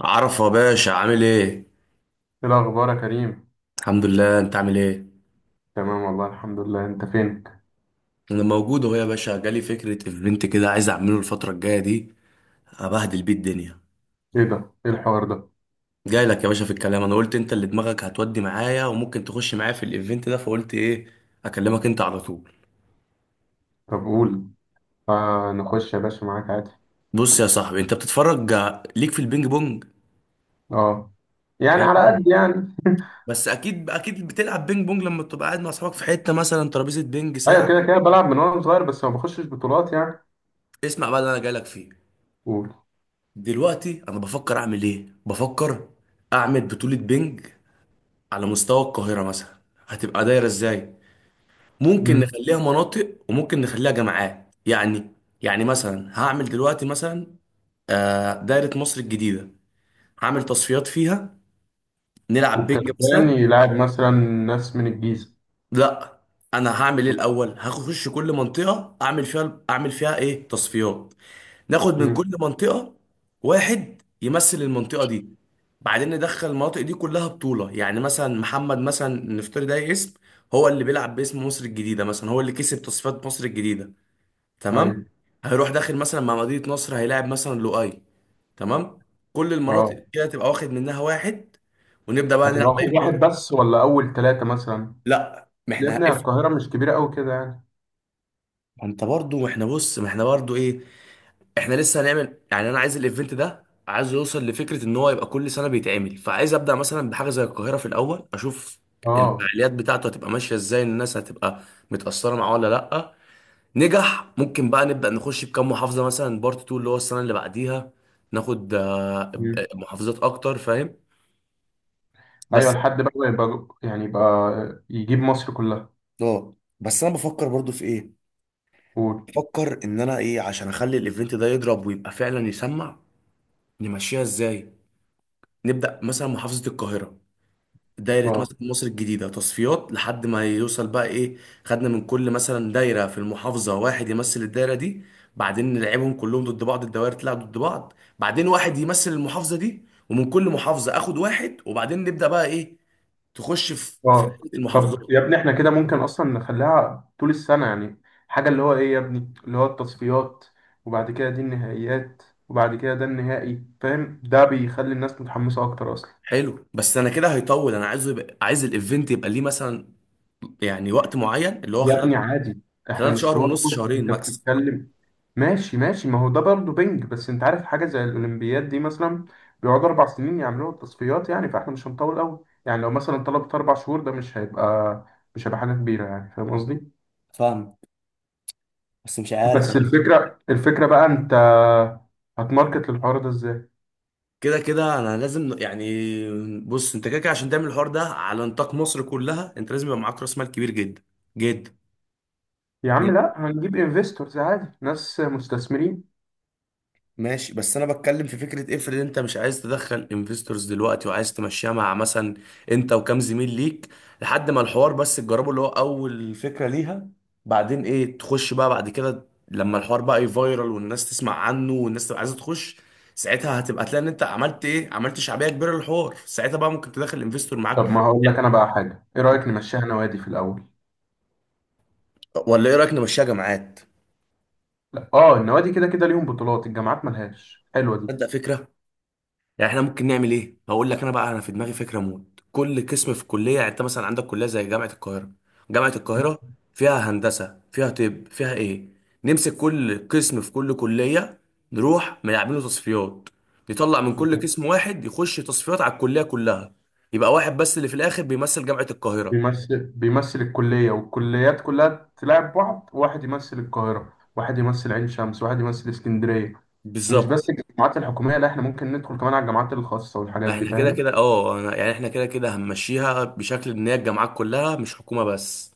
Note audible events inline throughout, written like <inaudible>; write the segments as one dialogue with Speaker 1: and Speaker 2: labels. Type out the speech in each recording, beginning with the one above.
Speaker 1: عرفة يا باشا عامل ايه؟
Speaker 2: ايه الاخبار يا كريم؟
Speaker 1: الحمد لله، انت عامل ايه؟
Speaker 2: تمام والله الحمد لله، انت فين؟
Speaker 1: انا موجود اهو يا باشا. جالي فكرة ايفنت كده عايز اعمله الفترة الجاية دي، ابهدل بيه الدنيا.
Speaker 2: ايه ده؟ ايه الحوار ده؟
Speaker 1: جاي لك يا باشا في الكلام، انا قلت انت اللي دماغك هتودي معايا وممكن تخش معايا في الايفنت ده، فقلت ايه اكلمك انت على طول.
Speaker 2: طب قول. آه، نخش يا باشا معاك عادي.
Speaker 1: بص يا صاحبي، انت بتتفرج ليك في البينج بونج
Speaker 2: اه، يعني على
Speaker 1: حقيقي؟
Speaker 2: قد يعني.
Speaker 1: بس اكيد اكيد بتلعب بينج بونج لما بتبقى قاعد مع اصحابك في حتة مثلا ترابيزة بينج ساعة.
Speaker 2: ايوه كده كده بلعب من وانا صغير، بس ما بخشش بطولات يعني.
Speaker 1: اسمع بقى اللي انا جاي لك فيه.
Speaker 2: قول.
Speaker 1: دلوقتي انا بفكر اعمل ايه؟ بفكر اعمل بطولة بينج على مستوى القاهرة مثلا. هتبقى دايرة ازاي؟ ممكن
Speaker 2: مم.
Speaker 1: نخليها مناطق وممكن نخليها جامعات يعني. يعني مثلا هعمل دلوقتي مثلا دايرة مصر الجديدة، هعمل تصفيات فيها، نلعب بينج
Speaker 2: والكسبان
Speaker 1: مثلا.
Speaker 2: يلعب مثلا ناس من الجيزه؟
Speaker 1: لا، انا هعمل ايه الاول؟ هخش كل منطقة اعمل فيها ايه تصفيات، ناخد من
Speaker 2: مم.
Speaker 1: كل منطقة واحد يمثل المنطقة دي. بعدين ندخل المناطق دي كلها بطولة. يعني مثلا محمد مثلا، نفترض ده اسم، هو اللي بيلعب باسم مصر الجديدة مثلا، هو اللي كسب تصفيات مصر الجديدة،
Speaker 2: ايوه.
Speaker 1: تمام. هيروح داخل مثلا مع مدينة نصر، هيلاعب مثلا لؤي، تمام. كل المناطق
Speaker 2: اه.
Speaker 1: كده تبقى واخد منها واحد، ونبدأ بقى نلعب
Speaker 2: هتبقى
Speaker 1: بأي
Speaker 2: واخد واحد
Speaker 1: مناطق.
Speaker 2: بس ولا اول ثلاثه مثلا؟
Speaker 1: لا، ما
Speaker 2: يا
Speaker 1: احنا
Speaker 2: ابني
Speaker 1: هقف.
Speaker 2: القاهره مش كبيره قوي كده يعني.
Speaker 1: ما انت برضو، ما احنا برضو ايه، احنا لسه هنعمل يعني. انا عايز الايفنت ده عايز يوصل لفكره ان هو يبقى كل سنه بيتعمل، فعايز ابدا مثلا بحاجه زي القاهره في الاول، اشوف
Speaker 2: اه.
Speaker 1: الفعاليات بتاعته هتبقى ماشيه ازاي، الناس هتبقى متاثره معاه ولا لا. نجح، ممكن بقى نبدا نخش بكام محافظه مثلا بارت 2 اللي هو السنه اللي بعديها، ناخد
Speaker 2: مم.
Speaker 1: محافظات اكتر فاهم
Speaker 2: ايوه،
Speaker 1: بس.
Speaker 2: لحد بقى يبقى يبقى يجيب مصر كلها.
Speaker 1: اه، بس انا بفكر برضو في ايه،
Speaker 2: قول.
Speaker 1: بفكر ان انا ايه عشان اخلي الايفنت ده يضرب ويبقى فعلا يسمع، نمشيها ازاي. نبدا مثلا محافظه القاهره، دايرة
Speaker 2: اه.
Speaker 1: مثلا مصر الجديدة تصفيات لحد ما يوصل بقى ايه، خدنا من كل مثلا دايرة في المحافظة واحد يمثل الدايرة دي. بعدين نلعبهم كلهم ضد بعض، الدوائر تلعب ضد بعض، بعدين واحد يمثل المحافظة دي، ومن كل محافظة اخد واحد، وبعدين نبدأ بقى ايه، تخش في
Speaker 2: اه.
Speaker 1: دايرة المحافظات.
Speaker 2: طب يا ابني احنا كده ممكن اصلا نخليها طول السنة يعني. حاجة اللي هو ايه يا ابني، اللي هو التصفيات، وبعد كده دي النهائيات، وبعد كده ده النهائي، فاهم؟ ده بيخلي الناس متحمسة اكتر اصلا.
Speaker 1: حلو. بس انا كده هيطول. انا عايزه يبقى، عايز الايفنت يبقى ليه مثلا يعني وقت معين اللي هو
Speaker 2: يا ابني
Speaker 1: خلال
Speaker 2: عادي، احنا مش
Speaker 1: شهر
Speaker 2: طوال
Speaker 1: ونص، شهرين
Speaker 2: انت
Speaker 1: ماكس.
Speaker 2: بتتكلم. ماشي ماشي، ما هو ده برضه بنج، بس انت عارف حاجة زي الاولمبياد دي مثلا بيقعدوا اربع سنين يعملوا التصفيات، يعني فاحنا مش هنطول قوي. يعني لو مثلا طلبت اربع شهور ده مش هيبقى، مش هيبقى حاجة كبيرة يعني، فاهم قصدي؟
Speaker 1: فاهم؟ بس مش عارف
Speaker 2: بس
Speaker 1: انا.
Speaker 2: الفكرة، الفكرة بقى انت هتماركت للحوار ده ازاي؟
Speaker 1: كده كده انا لازم يعني، بص، انت كده كده عشان تعمل الحوار ده على نطاق مصر كلها انت لازم يبقى معاك راس مال كبير جدا جدا
Speaker 2: يا عم
Speaker 1: جدا.
Speaker 2: لا، هنجيب انفستورز عادي، ناس مستثمرين.
Speaker 1: ماشي. بس انا بتكلم في فكره، افرض انت مش عايز تدخل انفستورز دلوقتي وعايز تمشيها مع مثلا انت وكام زميل ليك، لحد ما الحوار بس تجربه اللي هو اول فكره ليها. بعدين ايه، تخش بقى بعد كده لما الحوار بقى يفايرال والناس تسمع عنه والناس تبقى عايزه تخش، ساعتها هتبقى تلاقي ان انت عملت ايه، عملت شعبيه كبيره للحوار. ساعتها بقى ممكن تدخل انفستور
Speaker 2: طب
Speaker 1: معاك.
Speaker 2: ما هقول لك انا بقى حاجة، ايه رأيك نمشيها نوادي في الاول؟
Speaker 1: ولا ايه رايك نمشيها جامعات؟
Speaker 2: لا، اه النوادي كده كده ليهم بطولات، الجامعات ملهاش، حلوة دي.
Speaker 1: تصدق فكره. يعني احنا ممكن نعمل ايه، هقول لك انا بقى. انا في دماغي فكره موت، كل قسم في الكليه يعني. انت مثلا عندك كليه زي جامعه القاهره، جامعه
Speaker 2: <laughs>
Speaker 1: القاهره فيها هندسه فيها طب فيها ايه، نمسك كل قسم في كل كليه، نروح نعمله تصفيات، نطلع من كل
Speaker 2: مظبوط.
Speaker 1: قسم واحد يخش تصفيات على الكليه كلها، يبقى واحد بس اللي في الاخر بيمثل جامعه القاهره.
Speaker 2: بيمثل، بيمثل الكلية، والكليات كلها تلعب بعض، واحد يمثل القاهرة، واحد يمثل عين شمس، واحد يمثل اسكندرية. ومش
Speaker 1: بالظبط.
Speaker 2: بس الجامعات الحكومية، لا احنا ممكن ندخل كمان على الجامعات الخاصة والحاجات دي،
Speaker 1: احنا كده
Speaker 2: فاهم؟
Speaker 1: كده اه يعني احنا كده كده هنمشيها بشكل ان هي الجامعات كلها مش حكومه بس.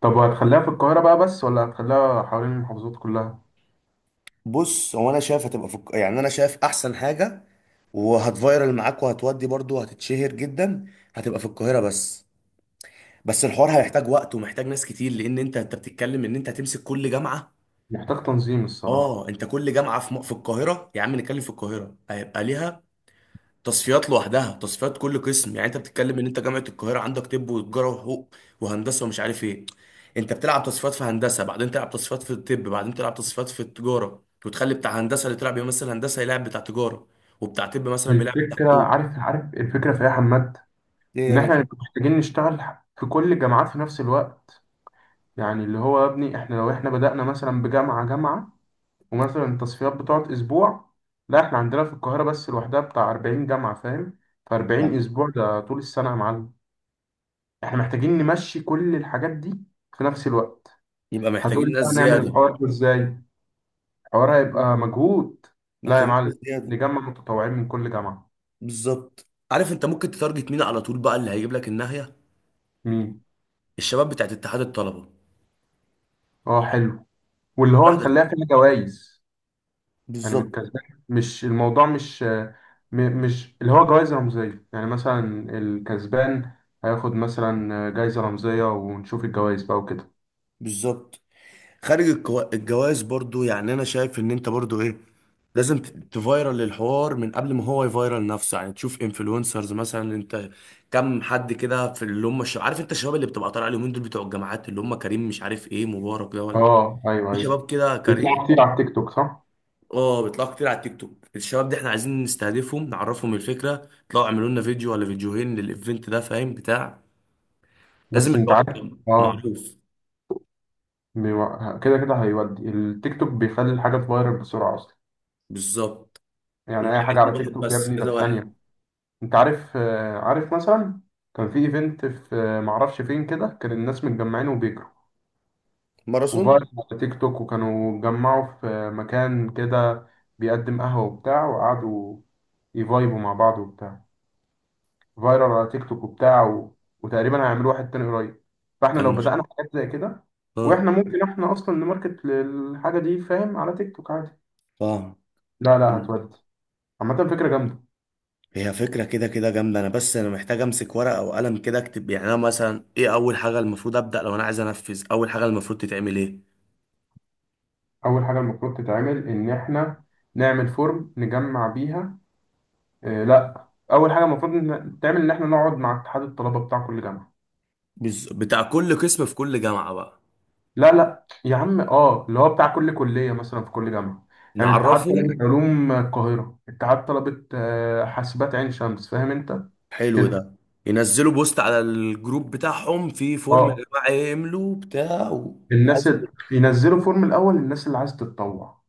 Speaker 2: طب وهتخليها في القاهرة بقى بس ولا هتخليها حوالين المحافظات كلها؟
Speaker 1: بص، هو انا شايف هتبقى يعني انا شايف احسن حاجه، وهتفايرل معاك وهتودي برضو هتتشهر جدا، هتبقى في القاهره بس. بس الحوار هيحتاج وقت ومحتاج ناس كتير، لان انت بتتكلم ان انت هتمسك كل جامعه.
Speaker 2: محتاج تنظيم الصراحة.
Speaker 1: اه، انت كل جامعه في في القاهره، يا عم نتكلم في القاهره، هيبقى ليها تصفيات لوحدها، تصفيات كل قسم. يعني انت بتتكلم ان انت جامعه القاهره عندك طب وتجاره وحقوق وهندسه ومش عارف ايه. انت بتلعب تصفيات في هندسه، بعدين تلعب تصفيات في الطب، بعدين تلعب تصفيات في التجاره، وتخلي بتاع هندسه اللي طلع بيمثل هندسه يلعب بتاع تجاره، وبتاع طب مثلا بيلعب بتاع
Speaker 2: الفكرة،
Speaker 1: حقوق.
Speaker 2: عارف عارف الفكرة في إيه يا حماد؟
Speaker 1: ايه يا
Speaker 2: إن إحنا
Speaker 1: باشا؟
Speaker 2: هنبقى محتاجين نشتغل في كل الجامعات في نفس الوقت. يعني اللي هو يا ابني، إحنا لو إحنا بدأنا مثلا بجامعة جامعة، ومثلا التصفيات بتقعد أسبوع، لا إحنا عندنا في القاهرة بس لوحدها بتاع 40 جامعة، فاهم؟ ف
Speaker 1: اه.
Speaker 2: 40 أسبوع ده طول السنة يا معلم. إحنا محتاجين نمشي كل الحاجات دي في نفس الوقت.
Speaker 1: يبقى محتاجين
Speaker 2: هتقولي
Speaker 1: ناس
Speaker 2: بقى نعمل
Speaker 1: زياده.
Speaker 2: الحوار ده إزاي؟ حوار هيبقى
Speaker 1: محتاجين
Speaker 2: مجهود. لا يا
Speaker 1: محتاجين
Speaker 2: معلم،
Speaker 1: ناس زياده.
Speaker 2: نجمع متطوعين من كل جامعة.
Speaker 1: بالظبط. عارف انت ممكن تتارجت مين على طول بقى اللي هيجيب لك الناهيه؟
Speaker 2: مين؟
Speaker 1: الشباب بتاعت اتحاد الطلبه.
Speaker 2: اه حلو. واللي هو
Speaker 1: راح ده.
Speaker 2: نخليها فيها جوائز، يعني من
Speaker 1: بالظبط.
Speaker 2: الكسبان، مش الموضوع مش مش اللي هو جوائز رمزية يعني، مثلا الكسبان هياخد مثلا جايزة رمزية، ونشوف الجوائز بقى وكده.
Speaker 1: بالظبط. خارج الجواز برضو، يعني انا شايف ان انت برضو ايه لازم تفايرل الحوار من قبل ما هو يفايرل نفسه. يعني تشوف انفلونسرز مثلا، انت كم حد كده في اللي هم عارف انت الشباب اللي بتبقى طالع اليومين دول بتوع الجامعات، اللي هم كريم مش عارف ايه مبارك ده ولا،
Speaker 2: اه ايوه
Speaker 1: في
Speaker 2: ايوه،
Speaker 1: شباب كده
Speaker 2: بيطلعوا
Speaker 1: كريم.
Speaker 2: كتير على التيك توك صح؟
Speaker 1: اه، بيطلعوا كتير على التيك توك، الشباب دي احنا عايزين نستهدفهم، نعرفهم الفكره، يطلعوا يعملوا لنا فيديو ولا فيديوهين للايفنت ده، فاهم بتاع، لازم
Speaker 2: بس انت
Speaker 1: الحوار
Speaker 2: عارف،
Speaker 1: يبقى
Speaker 2: اه
Speaker 1: معروف.
Speaker 2: كده كده هيودي، التيك توك بيخلي الحاجة تفايرل بسرعة اصلا.
Speaker 1: بالظبط. ومش
Speaker 2: يعني اي حاجة
Speaker 1: عايزين
Speaker 2: على تيك
Speaker 1: واحد
Speaker 2: توك يا
Speaker 1: بس،
Speaker 2: ابني ده
Speaker 1: كذا
Speaker 2: في
Speaker 1: واحد.
Speaker 2: ثانية. انت عارف عارف مثلا كان في ايفنت في معرفش فين كده، كان الناس متجمعين وبيجروا، وبقى
Speaker 1: ماراثون.
Speaker 2: على تيك توك، وكانوا اتجمعوا في مكان كده بيقدم قهوة وبتاع، وقعدوا يفايبوا مع بعض وبتاع، فايرال على تيك توك وبتاع و... وتقريبا هيعملوا واحد تاني قريب. فاحنا لو بدأنا حاجات زي كده،
Speaker 1: اه
Speaker 2: واحنا ممكن احنا اصلا نماركت للحاجة دي، فاهم؟ على تيك توك عادي.
Speaker 1: فاهم.
Speaker 2: لا لا، هتودي. عامة فكرة جامدة.
Speaker 1: هي فكرة كده كده جامدة، أنا بس أنا محتاج أمسك ورقة وقلم كده أكتب يعني. أنا مثلا إيه أول حاجة المفروض أبدأ لو أنا عايز أنفذ؟ أول حاجة المفروض تتعمل إيه؟
Speaker 2: أول حاجة المفروض تتعمل إن إحنا نعمل فورم نجمع بيها. إيه، لا اول حاجه المفروض تعمل ان احنا نقعد مع اتحاد الطلبه بتاع كل جامعه.
Speaker 1: بتاع كل قسم في كل جامعة بقى.
Speaker 2: لا لا يا عم، اه اللي هو بتاع كل كليه مثلا في كل جامعه. يعني اتحاد طلبه
Speaker 1: نعرفهم.
Speaker 2: علوم القاهره، اتحاد طلبه حاسبات عين شمس، فاهم انت
Speaker 1: حلو
Speaker 2: كده؟
Speaker 1: ده. ينزلوا بوست على الجروب بتاعهم في فورم يا
Speaker 2: اه.
Speaker 1: جماعة يملوا بتاع و...
Speaker 2: الناس ينزلوا فورم الاول للناس اللي عايز تتطوع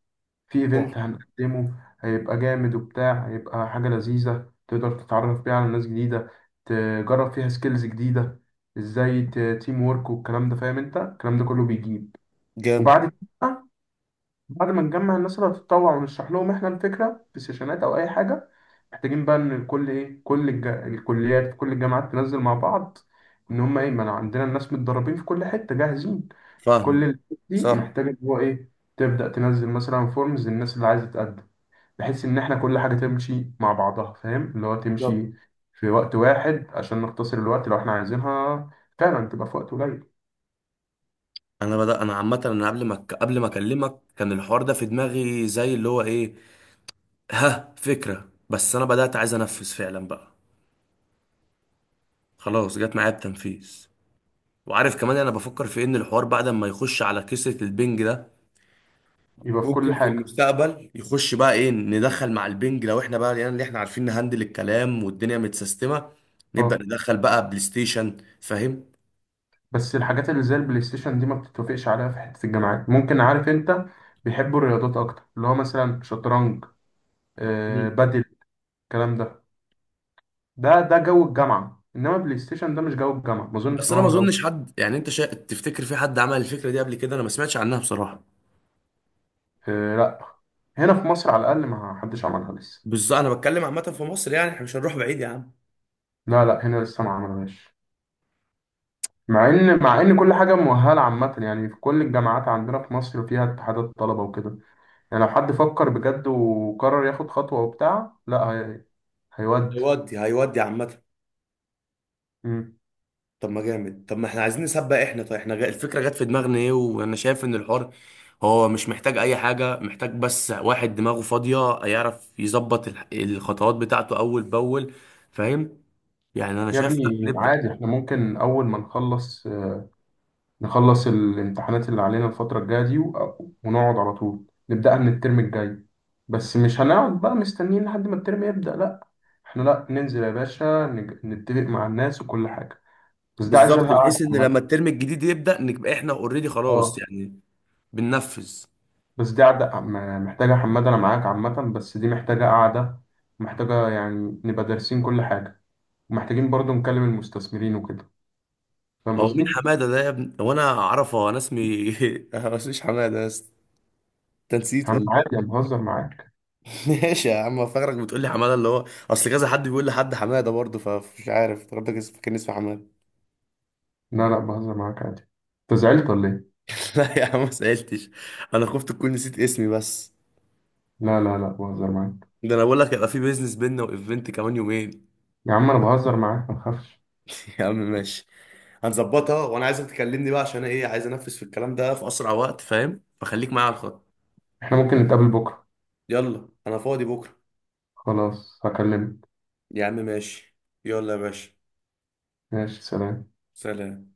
Speaker 2: في ايفنت
Speaker 1: صح.
Speaker 2: هنقدمه، هيبقى جامد وبتاع، هيبقى حاجه لذيذه تقدر تتعرف بيها على ناس جديده، تجرب فيها سكيلز جديده، ازاي تيم وورك والكلام ده، فاهم انت؟ الكلام ده كله بيجيب. وبعد
Speaker 1: جامد.
Speaker 2: كده، بعد ما نجمع الناس اللي هتتطوع ونشرح لهم احنا الفكره في سيشنات او اي حاجه، محتاجين بقى ان الكل ايه، كل الكليات في كل الجامعات تنزل مع بعض، ان هم ايه، ما أنا عندنا الناس متدربين في كل حته جاهزين. كل
Speaker 1: فاهم.
Speaker 2: ال- دي
Speaker 1: صح.
Speaker 2: محتاجه ان هو ايه، تبدا تنزل مثلا فورمز للناس اللي عايزه تقدم، بحيث ان احنا كل حاجه تمشي مع بعضها، فاهم؟ اللي هو
Speaker 1: بالظبط.
Speaker 2: تمشي في وقت واحد عشان نختصر الوقت، لو احنا عايزينها فعلا تبقى في وقت قليل.
Speaker 1: انا بدأ انا عامه، انا قبل ما اكلمك كان الحوار ده في دماغي زي اللي هو ايه، ها فكرة. بس أنا بدأت عايز أنفذ فعلا بقى، خلاص جت معايا بتنفيذ. وعارف كمان أنا بفكر في إن الحوار بعد ما يخش على كسرة البنج ده
Speaker 2: يبقى في
Speaker 1: ممكن
Speaker 2: كل
Speaker 1: في
Speaker 2: حاجه.
Speaker 1: المستقبل يخش بقى إيه، ندخل مع البنج لو إحنا بقى يعني اللي إحنا عارفين نهندل الكلام والدنيا متسيستمة، نبدأ
Speaker 2: آه.
Speaker 1: ندخل بقى بلاي ستيشن فاهم.
Speaker 2: بس الحاجات اللي زي البلاي ستيشن دي ما بتتوافقش عليها في حتة الجامعات، ممكن عارف انت، بيحبوا الرياضات اكتر، اللي هو مثلا شطرنج،
Speaker 1: مم.
Speaker 2: آه بدل الكلام ده. ده جو الجامعة، انما بلاي ستيشن ده مش جو الجامعة، ما اظنش
Speaker 1: بس
Speaker 2: ان
Speaker 1: أنا ما
Speaker 2: هو جو.
Speaker 1: أظنش حد يعني، أنت تفتكر في حد عمل الفكرة دي قبل كده؟ أنا ما سمعتش عنها بصراحة.
Speaker 2: آه لا، هنا في مصر على الاقل ما حدش عملها لسه.
Speaker 1: بالظبط. أنا بتكلم عامة في مصر، يعني إحنا مش هنروح بعيد يا عم.
Speaker 2: لا لا، هنا لسه ما عملهاش. مع ان كل حاجة مؤهلة عامة يعني، في كل الجامعات عندنا في مصر فيها اتحادات طلبة وكده. يعني لو حد فكر بجد وقرر ياخد خطوة وبتاع، لا هي... هيودي.
Speaker 1: هيودي عامة. طب ما جامد. طب ما احنا عايزين نسبق احنا. طيب احنا الفكره جت في دماغنا ايه، وانا شايف ان الحوار هو مش محتاج اي حاجه، محتاج بس واحد دماغه فاضيه يعرف يظبط الخطوات بتاعته اول باول فاهم. يعني انا
Speaker 2: يا
Speaker 1: شايف لا
Speaker 2: ابني
Speaker 1: نبدا.
Speaker 2: عادي، احنا ممكن اول ما نخلص، نخلص الامتحانات اللي علينا الفترة الجاية دي ونقعد على طول نبدأها من الترم الجاي. بس مش هنقعد بقى مستنيين لحد ما الترم يبدأ، لا احنا، لا ننزل يا باشا نتفق مع الناس وكل حاجة، بس دي عايزة
Speaker 1: بالظبط،
Speaker 2: لها قعدة
Speaker 1: بحيث ان لما
Speaker 2: عامة.
Speaker 1: الترم الجديد يبدا نبقى احنا اوريدي خلاص
Speaker 2: اه
Speaker 1: يعني بننفذ.
Speaker 2: بس دي قعدة محتاجة حماد، انا معاك عامة، بس دي محتاجة قعدة، محتاجة يعني نبقى دارسين كل حاجة، ومحتاجين برضو نكلم المستثمرين وكده، فاهم
Speaker 1: هو مين
Speaker 2: قصدي؟
Speaker 1: حماده ده يا ابني؟ هو انا اعرفه؟ هو انا اسمي <laughs> مش حماده؟ بس تنسيت.
Speaker 2: يا عم عادي انا بهزر معاك.
Speaker 1: <laughs> ماشي يا عم. فاكرك بتقول لي حماده اللي هو، اصل كذا حد بيقول لحد حماده برضه، فمش عارف افتكرتك كان اسمه حماده.
Speaker 2: لا لا بهزر معاك عادي، انت زعلت ولا ايه؟
Speaker 1: <laughs> لا يا عم ما سالتش، انا خفت تكون نسيت اسمي بس.
Speaker 2: لا لا لا بهزر معاك.
Speaker 1: ده انا بقول لك هيبقى في بيزنس بينا وايفنت كمان يومين.
Speaker 2: يا عم انا بهزر معاك ما تخافش.
Speaker 1: <laughs> يا عم ماشي. هنظبطها، وانا عايزك تكلمني بقى عشان ايه، عايز انفذ في الكلام ده في اسرع وقت فاهم، فخليك معايا على الخط.
Speaker 2: احنا ممكن نتقابل بكره.
Speaker 1: يلا انا فاضي بكره.
Speaker 2: خلاص هكلمك.
Speaker 1: يا عم ماشي. يلا يا باشا.
Speaker 2: ماشي سلام.
Speaker 1: سلام.